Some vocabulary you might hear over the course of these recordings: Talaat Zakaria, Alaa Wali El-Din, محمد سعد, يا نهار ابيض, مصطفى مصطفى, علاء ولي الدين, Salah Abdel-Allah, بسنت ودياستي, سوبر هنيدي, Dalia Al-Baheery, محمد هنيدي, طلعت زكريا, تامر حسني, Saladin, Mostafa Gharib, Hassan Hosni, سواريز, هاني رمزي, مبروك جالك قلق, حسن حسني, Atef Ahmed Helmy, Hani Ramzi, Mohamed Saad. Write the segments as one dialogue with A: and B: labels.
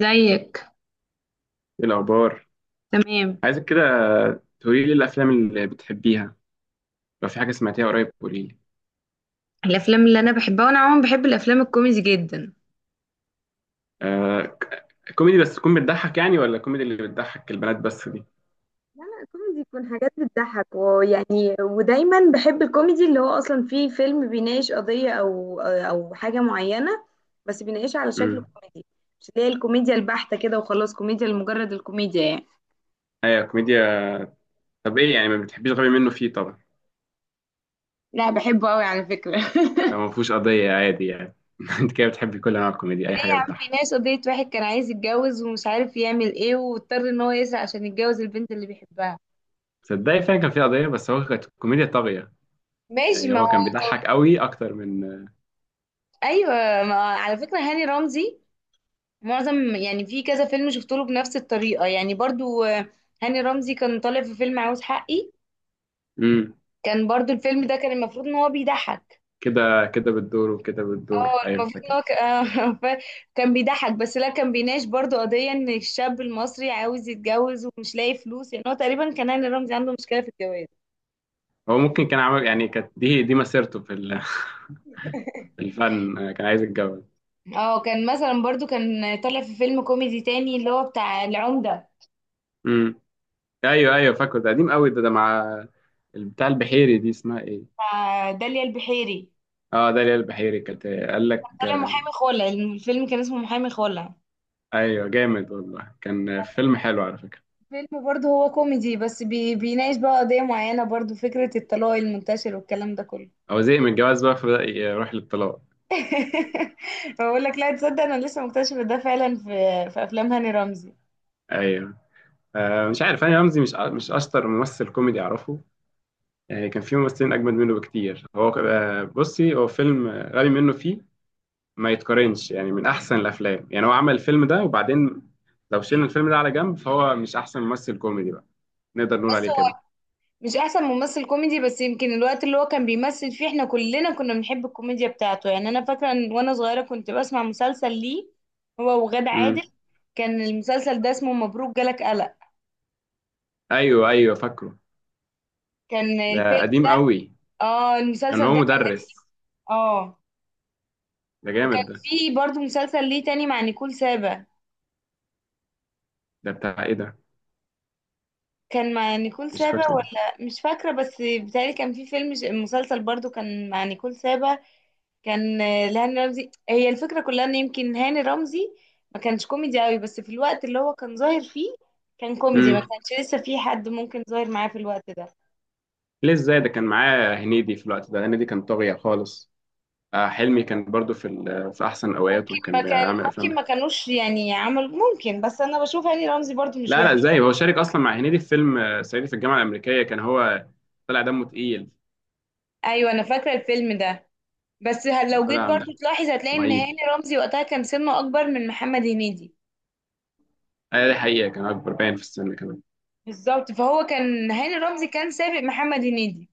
A: زيك.
B: ايه الاخبار؟
A: تمام.
B: عايزك كده تقولي لي الافلام اللي بتحبيها. لو في حاجه سمعتيها قريب قولي لي.
A: الافلام اللي انا بحبها، وانا عموما بحب الافلام الكوميدي جدا.
B: آه ك- كوميدي بس تكون بتضحك يعني، ولا كوميدي اللي بتضحك البنات بس دي؟
A: لا لا، الكوميدي يكون حاجات بتضحك، ويعني ودايما بحب الكوميدي اللي هو اصلا فيه فيلم بيناقش قضية او حاجة معينة، بس بيناقشها على شكل
B: امم.
A: كوميدي. مش اللي هي الكوميديا البحتة كده وخلاص، كوميديا لمجرد الكوميديا يعني.
B: ايوه، كوميديا. طب ايه يعني؟ ما بتحبيش غبي منه فيه طبعا.
A: لا بحبه قوي على فكرة.
B: لو ما فيهوش قضيه عادي يعني. انت كده بتحبي كل انواع الكوميديا،
A: ليه
B: اي
A: يا
B: حاجه
A: عم، في
B: بتضحك.
A: ناس قضية واحد كان عايز يتجوز ومش عارف يعمل ايه، واضطر ان هو يسرق عشان يتجوز البنت اللي بيحبها.
B: صدقني فعلا كان في قضيه، بس هو كانت كوميديا طاغيه.
A: ماشي
B: يعني
A: ما
B: هو كان
A: هو.
B: بيضحك قوي اكتر من...
A: ايوه. ما على فكره هاني رمزي معظم، يعني في كذا فيلم شفت له بنفس الطريقه يعني برضو هاني رمزي كان طالع في فيلم عاوز حقي.
B: امم.
A: كان برضو الفيلم ده كان المفروض ان هو بيضحك.
B: كده كده بتدور، وكده بتدور،
A: اه،
B: ايوه
A: المفروض ان
B: فاكر.
A: هو ف- كان بيضحك، بس لا كان بيناقش برضو قضيه ان الشاب المصري عاوز يتجوز ومش لاقي فلوس. يعني هو تقريبا كان هاني رمزي عنده مشكله في الجواز.
B: هو ممكن كان عمل يعني، كانت دي مسيرته في الفن، كان عايز يتجوز.
A: اه، كان مثلا برضو كان طالع في فيلم كوميدي تاني اللي هو بتاع العمده،
B: امم. ايوه، ايوه فاكره. ده قديم قوي ده مع بتاع البحيري، دي اسمها ايه؟
A: بتاع داليا البحيري.
B: اه، داليا البحيري، كانت قال لك
A: طالع
B: آه،
A: محامي خلع، الفيلم كان اسمه محامي خلع.
B: ايوه جامد والله، كان فيلم حلو على فكرة.
A: فيلم برضه هو كوميدي، بس بيناقش بقى قضية معينة، برضه فكرة الطلاق المنتشر والكلام ده كله.
B: هو زهق من الجواز بقى، فبدأ يروح للطلاق.
A: بقول لك لا تصدق، انا لسه مكتشفة ده فعلا في افلام هاني رمزي.
B: ايوه. مش عارف، هاني رمزي مش اشطر ممثل كوميدي اعرفه. يعني كان في ممثلين اجمد منه بكتير. هو بصي، هو فيلم غبي منه فيه ما يتقارنش يعني، من احسن الافلام يعني. هو عمل الفيلم ده، وبعدين لو شلنا الفيلم ده على جنب، فهو مش احسن ممثل كوميدي بقى. نقدر نقول
A: بص،
B: عليه كده.
A: هو مش احسن ممثل كوميدي، بس يمكن الوقت اللي هو كان بيمثل فيه احنا كلنا كنا بنحب الكوميديا بتاعته. يعني انا فاكرة ان وانا صغيرة كنت بسمع مسلسل ليه، هو وغادة عادل.
B: امم.
A: كان المسلسل ده اسمه مبروك جالك قلق.
B: ايوه، ايوه فاكره،
A: كان
B: ده
A: الفيلم،
B: قديم قوي.
A: اه
B: كان
A: المسلسل
B: هو
A: ده كان،
B: مدرس.
A: اه
B: ده
A: وكان
B: جامد ده.
A: في برضو مسلسل ليه تاني مع نيكول سابا.
B: ده بتاع ايه ده؟
A: كان مع نيكول
B: مش
A: سابا
B: فاكره.
A: ولا مش فاكرة، بس بتهيألي كان في فيلم مسلسل برضو كان مع نيكول سابا. كان لهاني رمزي. هي الفكرة كلها ان يمكن هاني رمزي ما كانش كوميدي قوي، بس في الوقت اللي هو كان ظاهر فيه كان كوميدي، ما
B: امم.
A: كانش لسه في حد ممكن ظاهر معاه في الوقت ده.
B: ليه؟ ازاي؟ ده كان معاه هنيدي في الوقت ده، هنيدي كان طاغية خالص. آه، حلمي كان برضو في في احسن اوقاته
A: ما
B: وكان
A: كان
B: بيعمل
A: ممكن
B: افلام.
A: ما كانوش يعني عمل ممكن، بس انا بشوف هاني رمزي برضو مش
B: لا، لا،
A: وحش.
B: ازاي؟ هو شارك اصلا مع هنيدي في فيلم، صعيدي في الجامعة الأمريكية، كان هو طلع دمه تقيل.
A: ايوه انا فاكرة الفيلم ده، بس هل
B: كان
A: لو جيت
B: طلع
A: برضو
B: مش-
A: تلاحظ هتلاقي ان
B: معيب.
A: هاني رمزي وقتها كان سنه اكبر من محمد هنيدي.
B: دي حقيقة، كان اكبر باين في السن كمان.
A: بالظبط، فهو كان هاني رمزي كان سابق محمد هنيدي.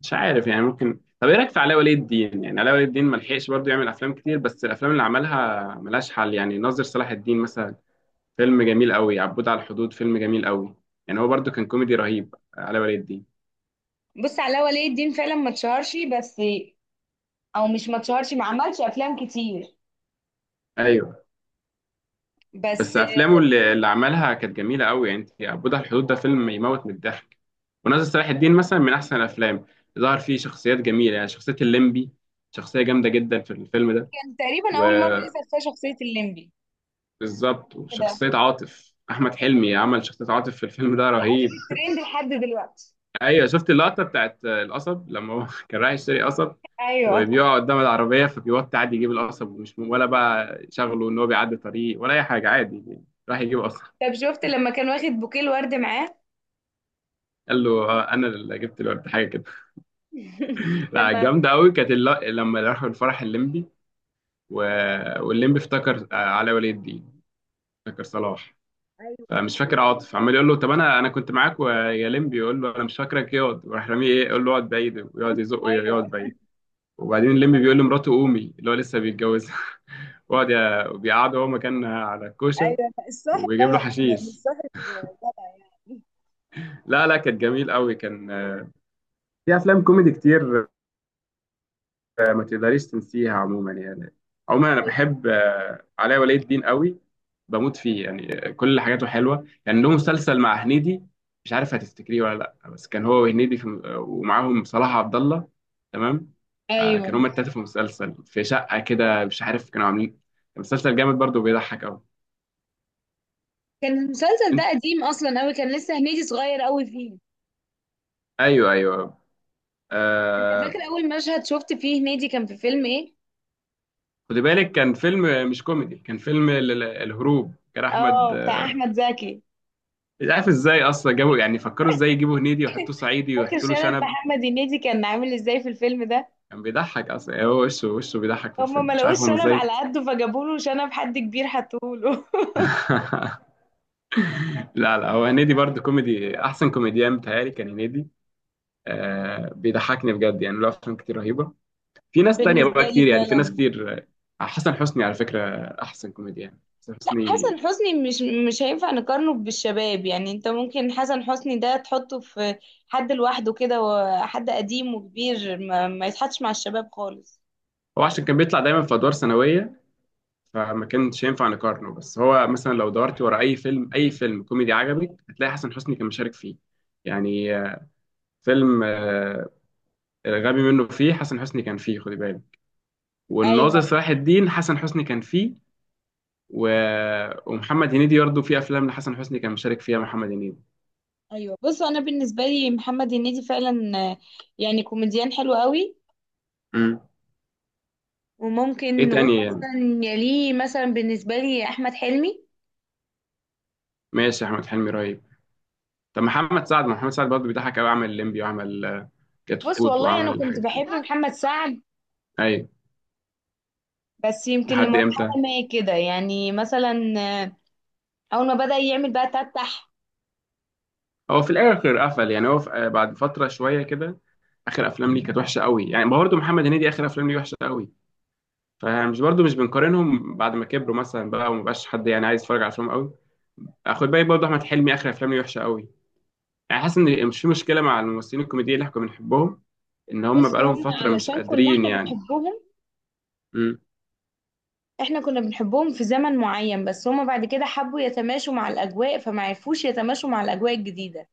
B: مش عارف يعني، ممكن. طب ايه رايك في علاء ولي الدين؟ يعني علاء ولي الدين ما لحقش برضه يعمل افلام كتير، بس الافلام اللي عملها ملهاش حل. يعني ناظر صلاح الدين مثلا فيلم جميل قوي، عبود على الحدود فيلم جميل قوي. يعني هو برضه كان كوميدي رهيب، علاء ولي الدين.
A: بص، علاء ولي الدين فعلا ما اتشهرش، بس او مش ما اتشهرش، ما عملش افلام كتير.
B: ايوه.
A: بس
B: بس افلامه اللي عملها كانت جميله قوي. يعني انت، عبود على الحدود ده فيلم يموت من الضحك. وناظر صلاح الدين مثلا من احسن الافلام، ظهر فيه شخصيات جميله، يعني شخصيه الليمبي، شخصيه جامده جدا في الفيلم ده.
A: كان تقريبا
B: و...
A: اول مره يظهر فيها شخصيه الليمبي.
B: بالظبط،
A: ده
B: وشخصية عاطف. أحمد حلمي عمل شخصية عاطف في الفيلم ده
A: قعدت في
B: رهيب.
A: الترند لحد دلوقتي.
B: أيوة، شفت اللقطة بتاعت القصب لما هو كان رايح يشتري قصب،
A: ايوه.
B: وبيقع قدام العربية فبيوطي عادي يجيب القصب، ومش ولا بقى شغله إن هو بيعدي طريق ولا أي حاجة، عادي راح يجيب قصب.
A: طب شفت لما كان واخد بوكيه الورد معاه؟
B: قال له، أنا اللي جبت الورد، حاجة كده. لا،
A: لما.
B: جامدة أوي، كانت لما راحوا الفرح الليمبي و... والليمبي افتكر، علاء ولي الدين. افتكر صلاح.
A: ايوه.
B: مش فاكر. عاطف عمال يقول له طب انا كنت معاك، ويا لمبي يقول له انا مش فاكرك، اقعد. وراح راميه، ايه يقول له؟ اقعد بعيد. ويقعد يزقه،
A: ايوه.
B: يقعد بعيد. وبعدين لمبي بيقول لمراته قومي، اللي هو لسه بيتجوزها. وقعد بيقعده هو مكانها على الكوشه.
A: ايوه الصاحب بقى
B: وبيجيب
A: يا
B: له
A: عم، يعني
B: حشيش.
A: الصاحب جدع يعني.
B: لا، لا، كانت جميل قوي، كان، في افلام كوميدي كتير ما تقدريش تنسيها عموما يعني. عموما انا
A: طيب.
B: بحب، علاء ولي الدين قوي، بموت فيه. يعني كل حاجاته حلوه. يعني له مسلسل مع هنيدي، مش عارف هتفتكريه ولا لا. بس كان هو وهنيدي في، ومعاهم صلاح عبد الله، تمام؟ كانوا
A: ايوه،
B: هما التلاته في مسلسل في شقه كده، مش عارف كانوا عاملين، كان مسلسل جامد برضه بيضحك قوي.
A: كان المسلسل
B: انت،
A: ده قديم اصلا قوي، كان لسه هنيدي صغير قوي فيه.
B: ايوه، ايوه،
A: انت
B: آه.
A: فاكر اول مشهد شفت فيه هنيدي كان في فيلم ايه؟
B: خدي بالك كان فيلم مش كوميدي، كان فيلم الهروب، كان
A: اه
B: احمد.
A: بتاع احمد زكي.
B: مش عارف ازاي اصلا جابوا، يعني فكروا ازاي يجيبوا هنيدي ويحطوه صعيدي
A: فاكر
B: ويحطوا له
A: شنب
B: شنب؟
A: محمد هنيدي كان عامل ازاي في الفيلم ده؟
B: كان بيضحك اصلا يعني، هو وشه وشه بيضحك في
A: هما ما
B: الفيلم، مش عارف
A: لقوش
B: هم
A: شنب
B: ازاي.
A: على قده فجابوا له شنب حد كبير حطوه له.
B: لا، لا، هو هنيدي برضه كوميدي، احسن كوميديان بتهيألي كان هنيدي. آه، بيضحكني بجد، يعني له افلام كتير رهيبه. في ناس تانية
A: بالنسبة
B: بقى
A: لي
B: كتير، يعني في ناس
A: فعلا،
B: كتير. حسن حسني على فكره، احسن كوميديان حسن
A: لا
B: حسني.
A: حسن حسني مش هينفع نقارنه بالشباب يعني. انت ممكن حسن حسني ده تحطه في حد لوحده كده، وحد قديم وكبير ما يتحطش مع الشباب خالص.
B: هو عشان كان بيطلع دايما في ادوار ثانويه، فما كانش ينفع نقارنه. بس هو مثلا لو دورت ورا اي فيلم، اي فيلم كوميدي عجبك، هتلاقي حسن حسني كان مشارك فيه. يعني، فيلم، الغبي منه فيه، حسن حسني كان فيه خدي بالك. والناظر
A: ايوه
B: صلاح الدين، حسن حسني كان فيه. و... ومحمد هنيدي برضه في افلام لحسن حسني كان مشارك فيها محمد هنيدي.
A: ايوه. بص انا بالنسبه لي محمد هنيدي فعلا يعني كوميديان حلو قوي.
B: امم. ايه
A: وممكن نقول
B: تاني يعني؟
A: مثلا يليه مثلا بالنسبه لي احمد حلمي.
B: ماشي، احمد حلمي رهيب. طب محمد سعد، ما محمد سعد برضه بيضحك قوي، عمل الليمبي وعمل،
A: بص
B: كتكوت
A: والله انا
B: وعمل
A: كنت
B: حاجات
A: بحب
B: كتير.
A: محمد سعد،
B: ايوه.
A: بس يمكن
B: لحد امتى؟
A: لمرحله ما كده، يعني مثلا اول ما بدأ يعمل بقى تتح.
B: هو في الاخر قفل يعني، هو في... آه، بعد فتره شويه كده، اخر افلام ليه كانت وحشه قوي. يعني برضه محمد هنيدي اخر افلام ليه وحشه قوي، فمش برضو مش بنقارنهم بعد ما كبروا مثلا بقى، ومبقاش حد يعني عايز يتفرج على افلامهم قوي. خد بالك برضو احمد حلمي اخر افلامه وحشه قوي. يعني حاسس ان مش في مشكله مع الممثلين الكوميديين اللي احنا كنا بنحبهم، ان هم
A: بص
B: بقالهم
A: هم
B: فتره مش
A: علشان كنا
B: قادرين
A: احنا
B: يعني.
A: بنحبهم،
B: مم.
A: احنا كنا بنحبهم في زمن معين، بس هم بعد كده حبوا يتماشوا مع الاجواء، فما عرفوش يتماشوا مع الاجواء الجديده.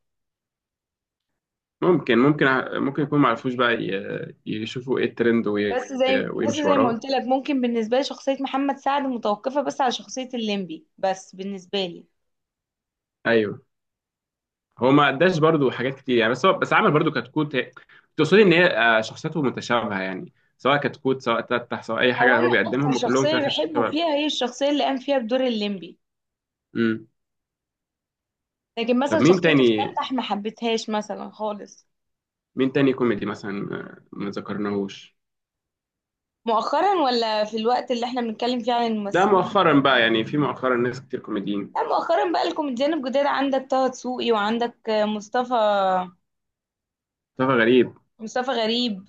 B: ممكن يكون ما عرفوش بقى يشوفوا ايه الترند
A: بس زي بس
B: ويمشوا
A: زي ما
B: وراه.
A: قلت لك، ممكن بالنسبه لي شخصيه محمد سعد متوقفه بس على شخصيه الليمبي، بس بالنسبه لي
B: ايوه. هو ما قداش برضو حاجات كتير يعني، بس هو بس عمل برضو كتكوت. تقصدي ان هي، شخصيته متشابهه يعني، سواء كتكوت سواء تتح سواء اي
A: او
B: حاجه، هو
A: انا اكتر
B: بيقدمهم كلهم في
A: شخصيه
B: الاخر
A: بحبه
B: شباب.
A: فيها هي الشخصيه اللي قام فيها بدور الليمبي. لكن
B: طب
A: مثلا
B: مين
A: شخصيته في
B: تاني؟
A: تفتح ما حبيتهاش مثلا خالص.
B: مين تاني كوميدي مثلا، ما ذكرناهوش؟
A: مؤخرا ولا في الوقت اللي احنا بنتكلم فيه عن
B: ده
A: الممثلين؟
B: مؤخرا بقى؟ يعني في مؤخرا ناس كتير كوميديين،
A: لا مؤخرا بقى، الكوميديان الجداد، عندك طه دسوقي وعندك مصطفى.
B: مصطفى غريب.
A: مصطفى غريب.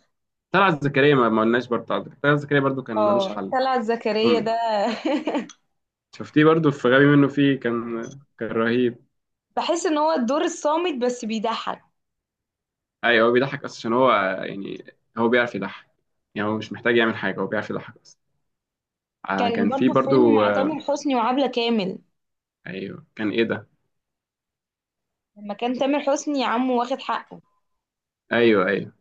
B: طلعت زكريا ما قلناش برضه، طلعت زكريا برضه كان ملوش
A: اه
B: حل.
A: طلعت زكريا
B: أمي.
A: ده.
B: شفتيه برضه في غبي منه فيه، كان رهيب.
A: بحس ان هو الدور الصامت بس بيضحك.
B: ايوه، هو بيضحك اصلا عشان هو، يعني هو بيعرف يضحك. يعني هو مش محتاج يعمل حاجه، هو بيعرف يضحك اصلا.
A: كان
B: كان في
A: برضو فيلم
B: برضه
A: مع
B: آه،
A: تامر حسني وعبلة كامل،
B: ايوه، كان ايه ده؟
A: لما كان تامر حسني عمه واخد حقه.
B: ايوه، ايوه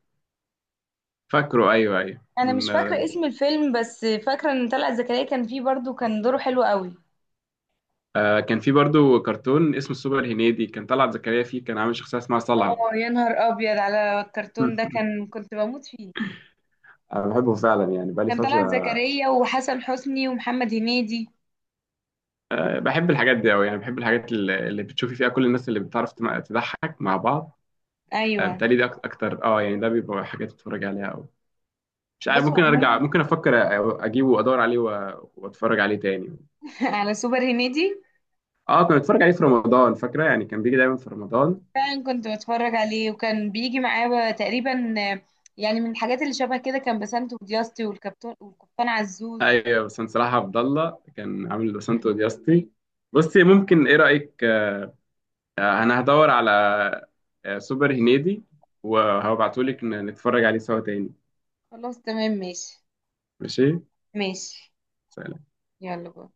B: فاكره، ايوه، ايوه
A: انا مش
B: كان
A: فاكره
B: آه،
A: اسم الفيلم، بس فاكره ان طلعت زكريا كان فيه برضو، كان دوره حلو قوي.
B: آه، كان في برضو كرتون اسمه السوبر هنيدي، كان طلعت زكريا فيه، كان عامل شخصية اسمها صلعة.
A: اه يا نهار ابيض على الكرتون ده، كان كنت بموت فيه.
B: انا بحبه فعلا يعني، بقالي
A: كان طلعت
B: فتره.
A: زكريا وحسن حسني ومحمد هنيدي.
B: آه، بحب الحاجات دي أوي، يعني بحب الحاجات اللي بتشوفي فيها كل الناس اللي بتعرف تضحك مع بعض. آه،
A: ايوه.
B: بتهيألي ده أكتر يعني، ده بيبقى حاجات أتفرج عليها أوي. مش عارف،
A: بصوا
B: ممكن أرجع،
A: عموما.
B: ممكن أفكر أجيبه وأدور عليه وأتفرج عليه تاني.
A: على سوبر هنيدي،
B: أه، كنت بتفرج عليه في رمضان فاكرة، يعني كان بيجي دايما في رمضان.
A: فعلا كنت بتفرج عليه، وكان بيجي معاه بقى تقريبا يعني من الحاجات اللي شبه كده كان بسنت ودياستي والكابتن والقبطان عزوز.
B: أيوة، بس صلاح عبد الله كان عامل بسنتو دياستي. بصي، ممكن إيه رأيك، انا هدور على، سوبر هنيدي وهبعتهولك نتفرج عليه سوا تاني.
A: خلاص تمام ماشي.
B: ماشي.
A: ماشي. يلا بقى.